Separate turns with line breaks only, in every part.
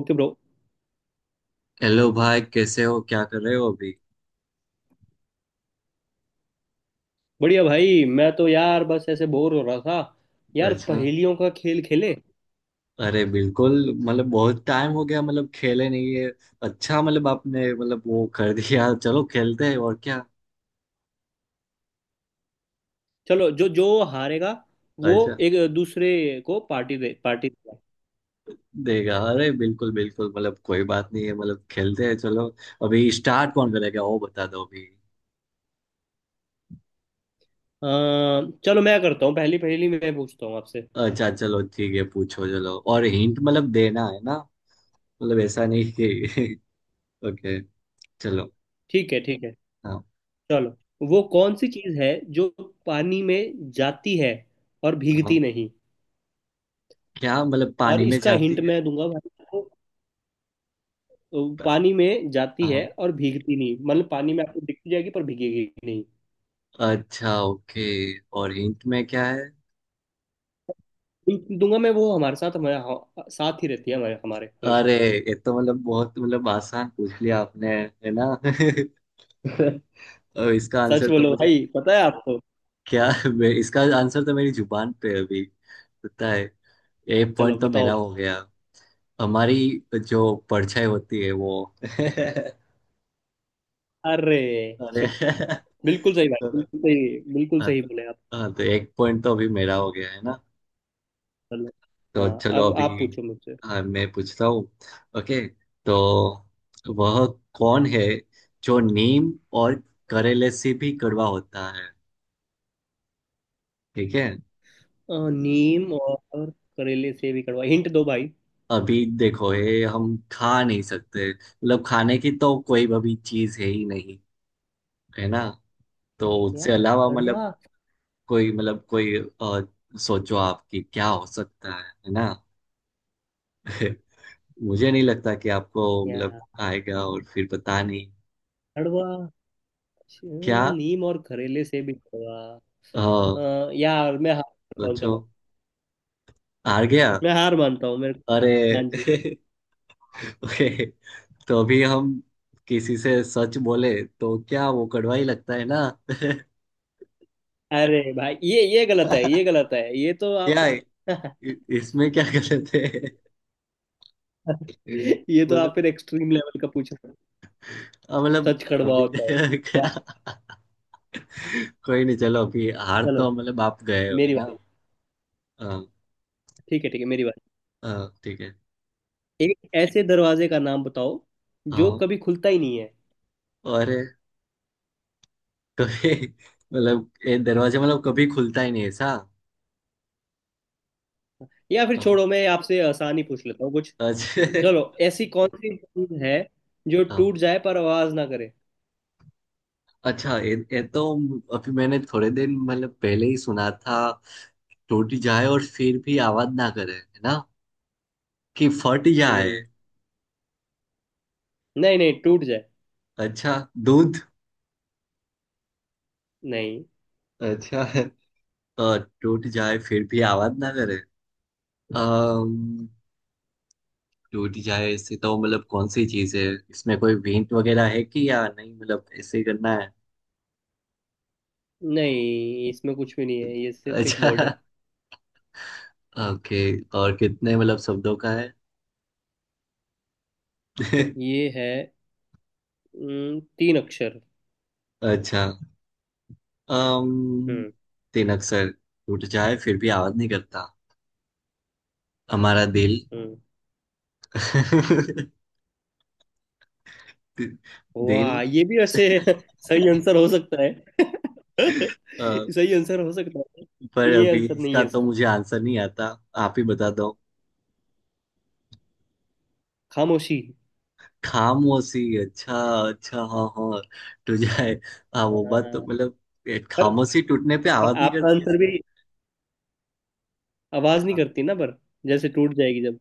Okay bro.
Hello भाई कैसे हो क्या कर रहे हो अभी।
बढ़िया भाई, मैं तो यार बस ऐसे बोर हो रहा था। यार,
अच्छा।
पहेलियों का खेल खेले।
अरे बिल्कुल। मतलब बहुत टाइम हो गया मतलब खेले नहीं है। अच्छा मतलब आपने मतलब वो कर दिया चलो खेलते हैं और क्या।
चलो, जो जो हारेगा वो
अच्छा।
एक दूसरे को पार्टी दे, पार्टी देगा।
देगा अरे बिल्कुल बिल्कुल मतलब कोई बात नहीं है मतलब खेलते हैं चलो। अभी स्टार्ट कौन करेगा वो बता दो अभी।
चलो, मैं करता हूँ, पहली पहेली मैं पूछता हूँ आपसे।
अच्छा चलो ठीक है पूछो चलो और हिंट मतलब देना है ना। मतलब ऐसा नहीं कि। ओके चलो।
ठीक है, ठीक है,
हाँ।
चलो। वो कौन सी चीज़ है जो पानी में जाती है और
हाँ।
भीगती नहीं।
क्या मतलब
और
पानी में
इसका हिंट
जाती है।
मैं दूंगा भाई आपको। पानी में जाती है
हाँ।
और भीगती नहीं मतलब पानी में आपको दिखती जाएगी पर भीगेगी नहीं।
अच्छा ओके। और हिंट में क्या है।
बिल्कुल दूंगा मैं, वो हमारे साथ, साथ ही रहती है हमारे हमारे हमेशा।
अरे ये तो मतलब बहुत मतलब आसान पूछ लिया आपने है ना। और इसका
सच
आंसर तो
बोलो
मुझे।
भाई, पता है आपको।
क्या। इसका आंसर तो मेरी जुबान पे है अभी। पता है। एक
चलो
पॉइंट तो मेरा
बताओ।
हो गया। हमारी जो परछाई होती है वो। अरे।
अरे शिट! बिल्कुल सही भाई,
चलो।
बिल्कुल सही, बिल्कुल
हाँ
सही
तो।
बोले आप।
हाँ, तो एक पॉइंट तो अभी मेरा हो गया है ना।
चलो। हाँ,
तो चलो
अब आप
अभी।
पूछो मुझसे।
मैं पूछता हूँ। ओके। तो वह कौन है जो नीम और करेले से भी कड़वा होता है। ठीक है।
नीम और करेले से भी कड़वा, हिंट दो भाई।
अभी देखो ये हम खा नहीं सकते मतलब खाने की तो कोई अभी चीज है ही नहीं है ना। तो उससे
यार
अलावा
कड़वा।
मतलब कोई सोचो आपकी क्या हो सकता है ना। मुझे नहीं लगता कि आपको मतलब
यार
आएगा और फिर पता नहीं
कड़वा।
क्या।
नीम और करेले से भी कड़वा।
आ,
यार मैं हार मानता हूँ,
सोचो।
चलो।
आ गया।
मैं हार मानता हूँ, मेरे को। हाँ
अरे।
जी।
ओके। तो अभी हम किसी से सच बोले तो क्या वो कड़वा ही लगता है ना।
अरे भाई ये गलत है, ये गलत है, ये तो आप
क्या है? इसमें क्या गलत है।
ये तो आप
मतलब
फिर एक्सट्रीम लेवल का पूछ रहे हो।
मतलब
सच कड़वा
अभी।
होता है।
क्या।
वाह।
कोई नहीं चलो अभी हार
चलो
तो मतलब आप गए हो है
मेरी
ना।
बारी।
हाँ।
ठीक है, ठीक है, मेरी बारी।
हाँ ठीक है।
एक ऐसे दरवाजे का नाम बताओ जो
हाँ।
कभी खुलता ही नहीं है।
और। कभी मतलब ये दरवाजा मतलब कभी खुलता ही नहीं है ऐसा।
या फिर
हाँ।
छोड़ो, मैं आपसे आसान ही पूछ लेता हूँ कुछ।
अच्छा।
चलो, ऐसी कौन सी चीज है जो
हाँ
टूट जाए पर आवाज ना करे।
अच्छा ये तो अभी मैंने थोड़े दिन मतलब पहले ही सुना था। टूट जाए और फिर भी आवाज ना करे है ना। कि फट जाए।
हम्म। नहीं नहीं, टूट जाए।
अच्छा। दूध।
नहीं।
अच्छा। और टूट जाए फिर भी आवाज ना करे। अम्म, टूट जाए ऐसे तो मतलब कौन सी चीज है। इसमें कोई हिंट वगैरह है कि या नहीं मतलब ऐसे ही करना है।
नहीं, इसमें कुछ भी नहीं है, ये सिर्फ एक
अच्छा
वर्ड है।
ओके। और कितने मतलब शब्दों का है।
ये है, तीन अक्षर।
अच्छा। अम्म
हम्म।
तीन अक्षर टूट जाए फिर भी आवाज नहीं करता। हमारा दिल।
हम्म।
दिल।
वाह, ये भी वैसे सही आंसर हो सकता है।
अ,
सही आंसर हो सकता है पर
पर
ये
अभी
आंसर नहीं
इसका
है
तो
इसका।
मुझे आंसर नहीं आता। आप ही बता दो।
खामोशी।
खामोशी अच्छा। अच्छा हाँ हाँ। टू जाए। हाँ वो बात तो
हाँ।
मतलब। ये
पर
खामोशी टूटने पे
पर
आवाज नहीं
आपका
करती है।
आंसर भी आवाज नहीं
खा,
करती ना, पर जैसे टूट जाएगी जब।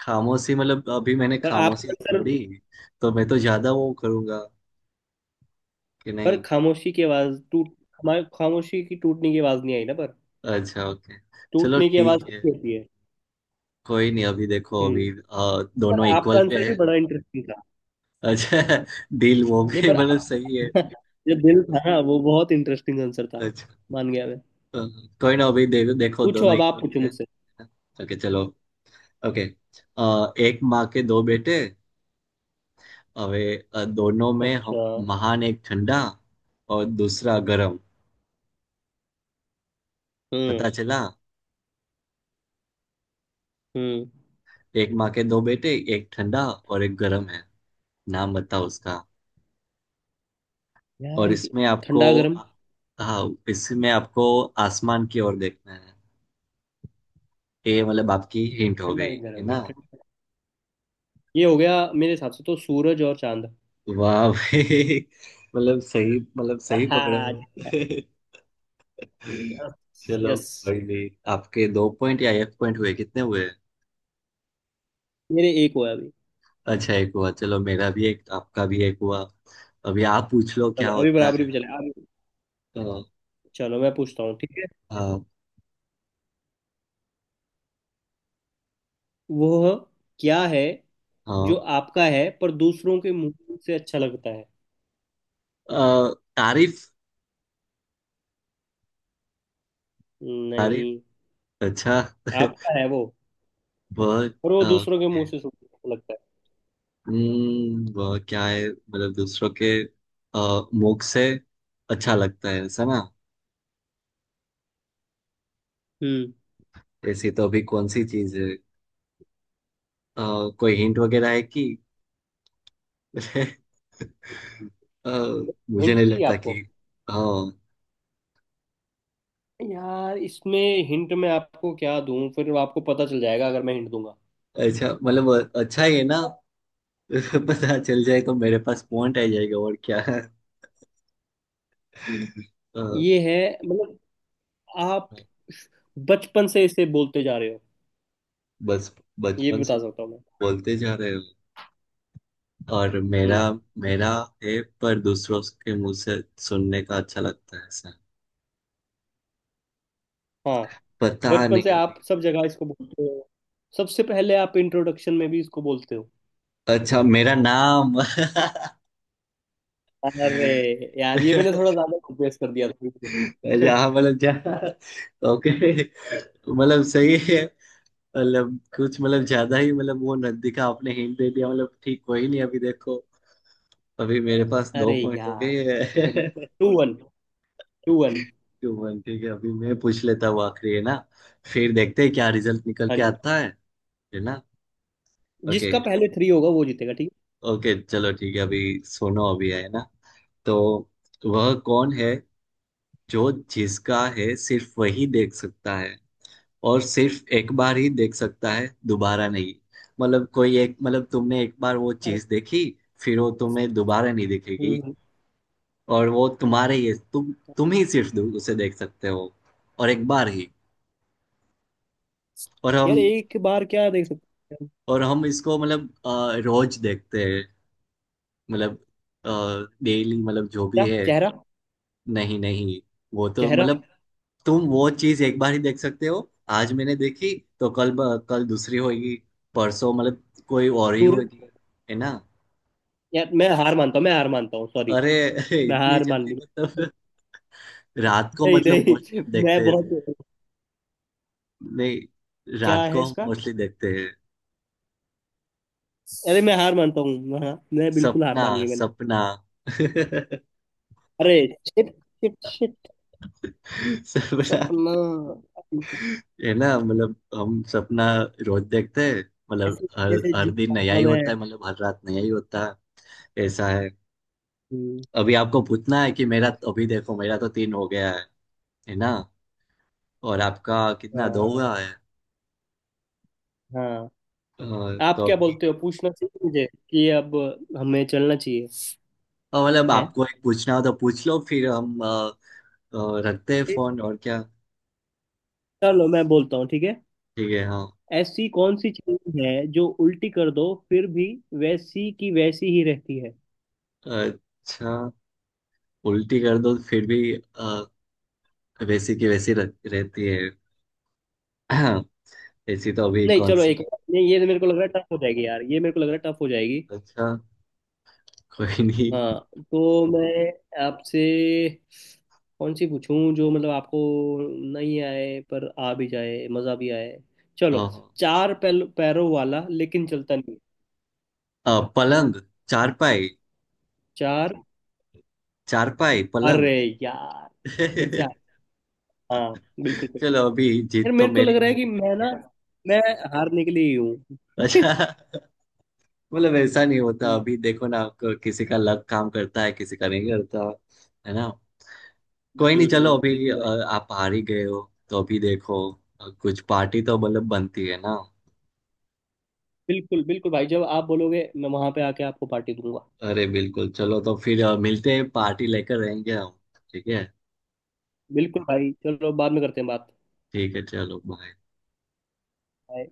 खामोशी मतलब अभी मैंने
पर आपका
खामोशी
आंसर।
तोड़ी। तो मैं तो ज्यादा वो करूंगा कि
पर
नहीं।
खामोशी की आवाज टूट, हमारे खामोशी की टूटने की आवाज नहीं आई ना पर।
अच्छा ओके चलो
टूटने की आवाज
ठीक है।
कैसी होती है।
कोई नहीं अभी देखो अभी
हम्म।
दोनों
पर आपका
इक्वल
आंसर
पे
भी
है।
बड़ा इंटरेस्टिंग था।
अच्छा। डील वो
नहीं,
भी
पर
मतलब
आप
सही है।
जो दिल था ना, वो बहुत इंटरेस्टिंग आंसर था।
अच्छा
मान गया मैं।
अ, कोई ना अभी देखो
पूछो,
दोनों
अब आप
इक्वल
पूछो
पे है।
मुझसे।
ओके चलो ओके। एक माँ के दो बेटे अवे दोनों में
अच्छा।
महान एक ठंडा और दूसरा गरम।
हम्म।
पता चला।
हम्म।
एक माँ के दो बेटे एक ठंडा और एक गरम है। नाम बताओ उसका।
यार
और
ये
इसमें आपको।
ठंडा गर्म,
हाँ। इसमें आपको आसमान की ओर देखना है। ये मतलब आपकी
एक
हिंट हो
ठंडा
गई
एक
है
गर्म
ना।
एक ठंडा। ये हो गया, मेरे हिसाब से तो सूरज और चांद।
वाह भाई मतलब सही पकड़े
हाँ।
हो।
यस
चलो।
यस।
कोई नहीं आपके दो पॉइंट या एक पॉइंट हुए कितने हुए।
मेरे एक हुआ अभी।
अच्छा एक हुआ चलो मेरा भी एक आपका भी एक हुआ। अभी आप पूछ लो क्या
चलो, अभी
होता
बराबरी
है।
पे चले अब।
तो,
चलो मैं पूछता हूँ ठीक है।
हाँ
वो क्या है
हाँ।
जो आपका है पर दूसरों के मुंह से अच्छा लगता है।
तारीफ। तारीफ
नहीं।
अच्छा।
आपका है वो,
वह
पर वो
अ,
दूसरों के मुंह से सुंदर लगता है।
वह क्या है मतलब दूसरों के मुख से अच्छा लगता है ऐसा ना।
हम्म।
ऐसी तो अभी कौन सी चीज है अ, कोई हिंट वगैरह है कि। अ, मुझे
हिंट
नहीं
चाहिए
लगता कि।
आपको।
हाँ
यार इसमें हिंट मैं आपको क्या दूं, फिर आपको पता चल जाएगा अगर मैं हिंट दूंगा।
अच्छा मतलब अच्छा ही है ना। पता चल जाए तो मेरे पास पॉइंट आ जाएगा और क्या। अ,
ये है मतलब, आप बचपन से इसे बोलते जा रहे हो।
बस
ये भी
बचपन से
बता सकता हूँ मैं।
बोलते जा रहे हो और मेरा
हम्म।
मेरा है पर दूसरों के मुंह से सुनने का अच्छा लगता है ऐसा।
हाँ।
पता
बचपन से
नहीं अभी।
आप सब जगह इसको बोलते हो, सबसे पहले आप इंट्रोडक्शन में भी इसको बोलते हो।
अच्छा मेरा नाम।
अरे यार, ये
मेरा
मैंने थोड़ा ज्यादा कंप्रेस कर दिया था।
अच्छा
शट।
हाँ मतलब जा। ओके मतलब सही है। मतलब कुछ मतलब ज्यादा ही मतलब वो न दिखा आपने हिंट दे दिया मतलब ठीक कोई नहीं अभी देखो। अभी मेरे पास दो
अरे
पॉइंट हो
यार,
गए हैं।
Two one, two one.
Two one ठीक है अभी मैं पूछ लेता हूँ आखिरी है ना। फिर देखते हैं क्या रिजल्ट निकल
हाँ
के
जी।
आता है ना। ओके।
जिसका पहले थ्री होगा वो जीतेगा, ठीक
ओके चलो ठीक है अभी सुनो अभी है ना। तो वह कौन है जो जिसका है सिर्फ वही देख सकता है और सिर्फ एक बार ही देख सकता है दोबारा नहीं। मतलब कोई एक मतलब तुमने एक बार वो
है। अरे।
चीज देखी फिर वो तुम्हें दोबारा नहीं दिखेगी।
हम्म। हम्म।
और वो तुम्हारे ही तुम ही सिर्फ उसे देख सकते हो और एक बार ही। और
यार
हम
एक बार क्या देख सकते हैं हम?
इसको मतलब रोज देखते हैं मतलब डेली मतलब जो भी
क्या,
है।
चेहरा?
नहीं नहीं वो तो
चेहरा?
मतलब। तुम वो चीज एक बार ही देख सकते हो। आज मैंने देखी तो कल कल दूसरी होगी परसों मतलब कोई और ही
सूरज?
होगी है ना।
यार मैं हार मानता हूँ, मैं हार मानता हूँ, सॉरी।
अरे
मैं
इतनी
हार मान
जल्दी
ली।
मतलब। रात को
नहीं
मतलब मोस्टली
नहीं,
हम देखते
मैं
हैं।
बहुत,
नहीं
क्या
रात
है
को हम
इसका?
मोस्टली देखते हैं।
अरे, मैं हार मानता हूँ, हाँ मैं बिल्कुल हार
सपना
मान ली मैंने।
सपना।
अरे शिट! Shit shit.
सपना
सपना।
है ना मतलब हम सपना रोज देखते हैं। मतलब
ऐसे
हर
कैसे
हर
जीत
दिन नया
पाऊंगा
ही
मैं।
होता है मतलब हर रात नया ही होता है ऐसा है।
हम्म।
अभी आपको पूछना है कि मेरा अभी देखो मेरा तो तीन हो गया है ना। और आपका कितना दो
हाँ।
हुआ है।
हाँ। आप
तो।
क्या बोलते हो, पूछना चाहिए मुझे कि अब हमें चलना चाहिए।
और मतलब
है।
आपको एक पूछना हो तो पूछ लो फिर हम रखते हैं फोन और क्या।
चलो मैं बोलता हूँ, ठीक है।
ठीक है हाँ।
ऐसी कौन सी चीज है जो उल्टी कर दो फिर भी वैसी की वैसी ही रहती है।
अच्छा उल्टी कर दो फिर भी वैसी की वैसी रहती है। हाँ, ऐसी तो अभी
नहीं
कौन
चलो,
सी।
एक, ये मेरे को लग रहा है टफ हो जाएगी, यार ये मेरे को लग रहा है टफ हो जाएगी।
अच्छा कोई नहीं
हाँ। तो मैं आपसे कौन सी पूछूं जो मतलब आपको नहीं आए पर आ भी जाए, मजा भी आए।
अ,
चलो, पैरों वाला लेकिन चलता नहीं।
पलंग चारपाई।
चार।
चारपाई पलंग।
अरे यार, फिर से आप- हाँ, बिल्कुल।
चलो अभी
यार
जीत तो
मेरे को
मेरी
लग रहा है
हो
कि
ही
मैं
गई
ना
है।
मैं हारने के लिए ही हूँ
अच्छा मतलब ऐसा नहीं होता
हम्म,
अभी देखो ना आपको किसी का लक काम करता है किसी का नहीं करता है ना। कोई नहीं चलो अभी
बिल्कुल भाई।
आप हार ही गए हो। तो अभी देखो कुछ पार्टी तो मतलब बनती है ना।
बिल्कुल, बिल्कुल भाई, जब आप बोलोगे मैं वहां पे आके आपको पार्टी दूंगा।
अरे बिल्कुल चलो तो फिर मिलते हैं पार्टी लेकर रहेंगे हम। ठीक है।
बिल्कुल भाई, चलो बाद में करते हैं बात।
ठीक है चलो बाय।
Bye.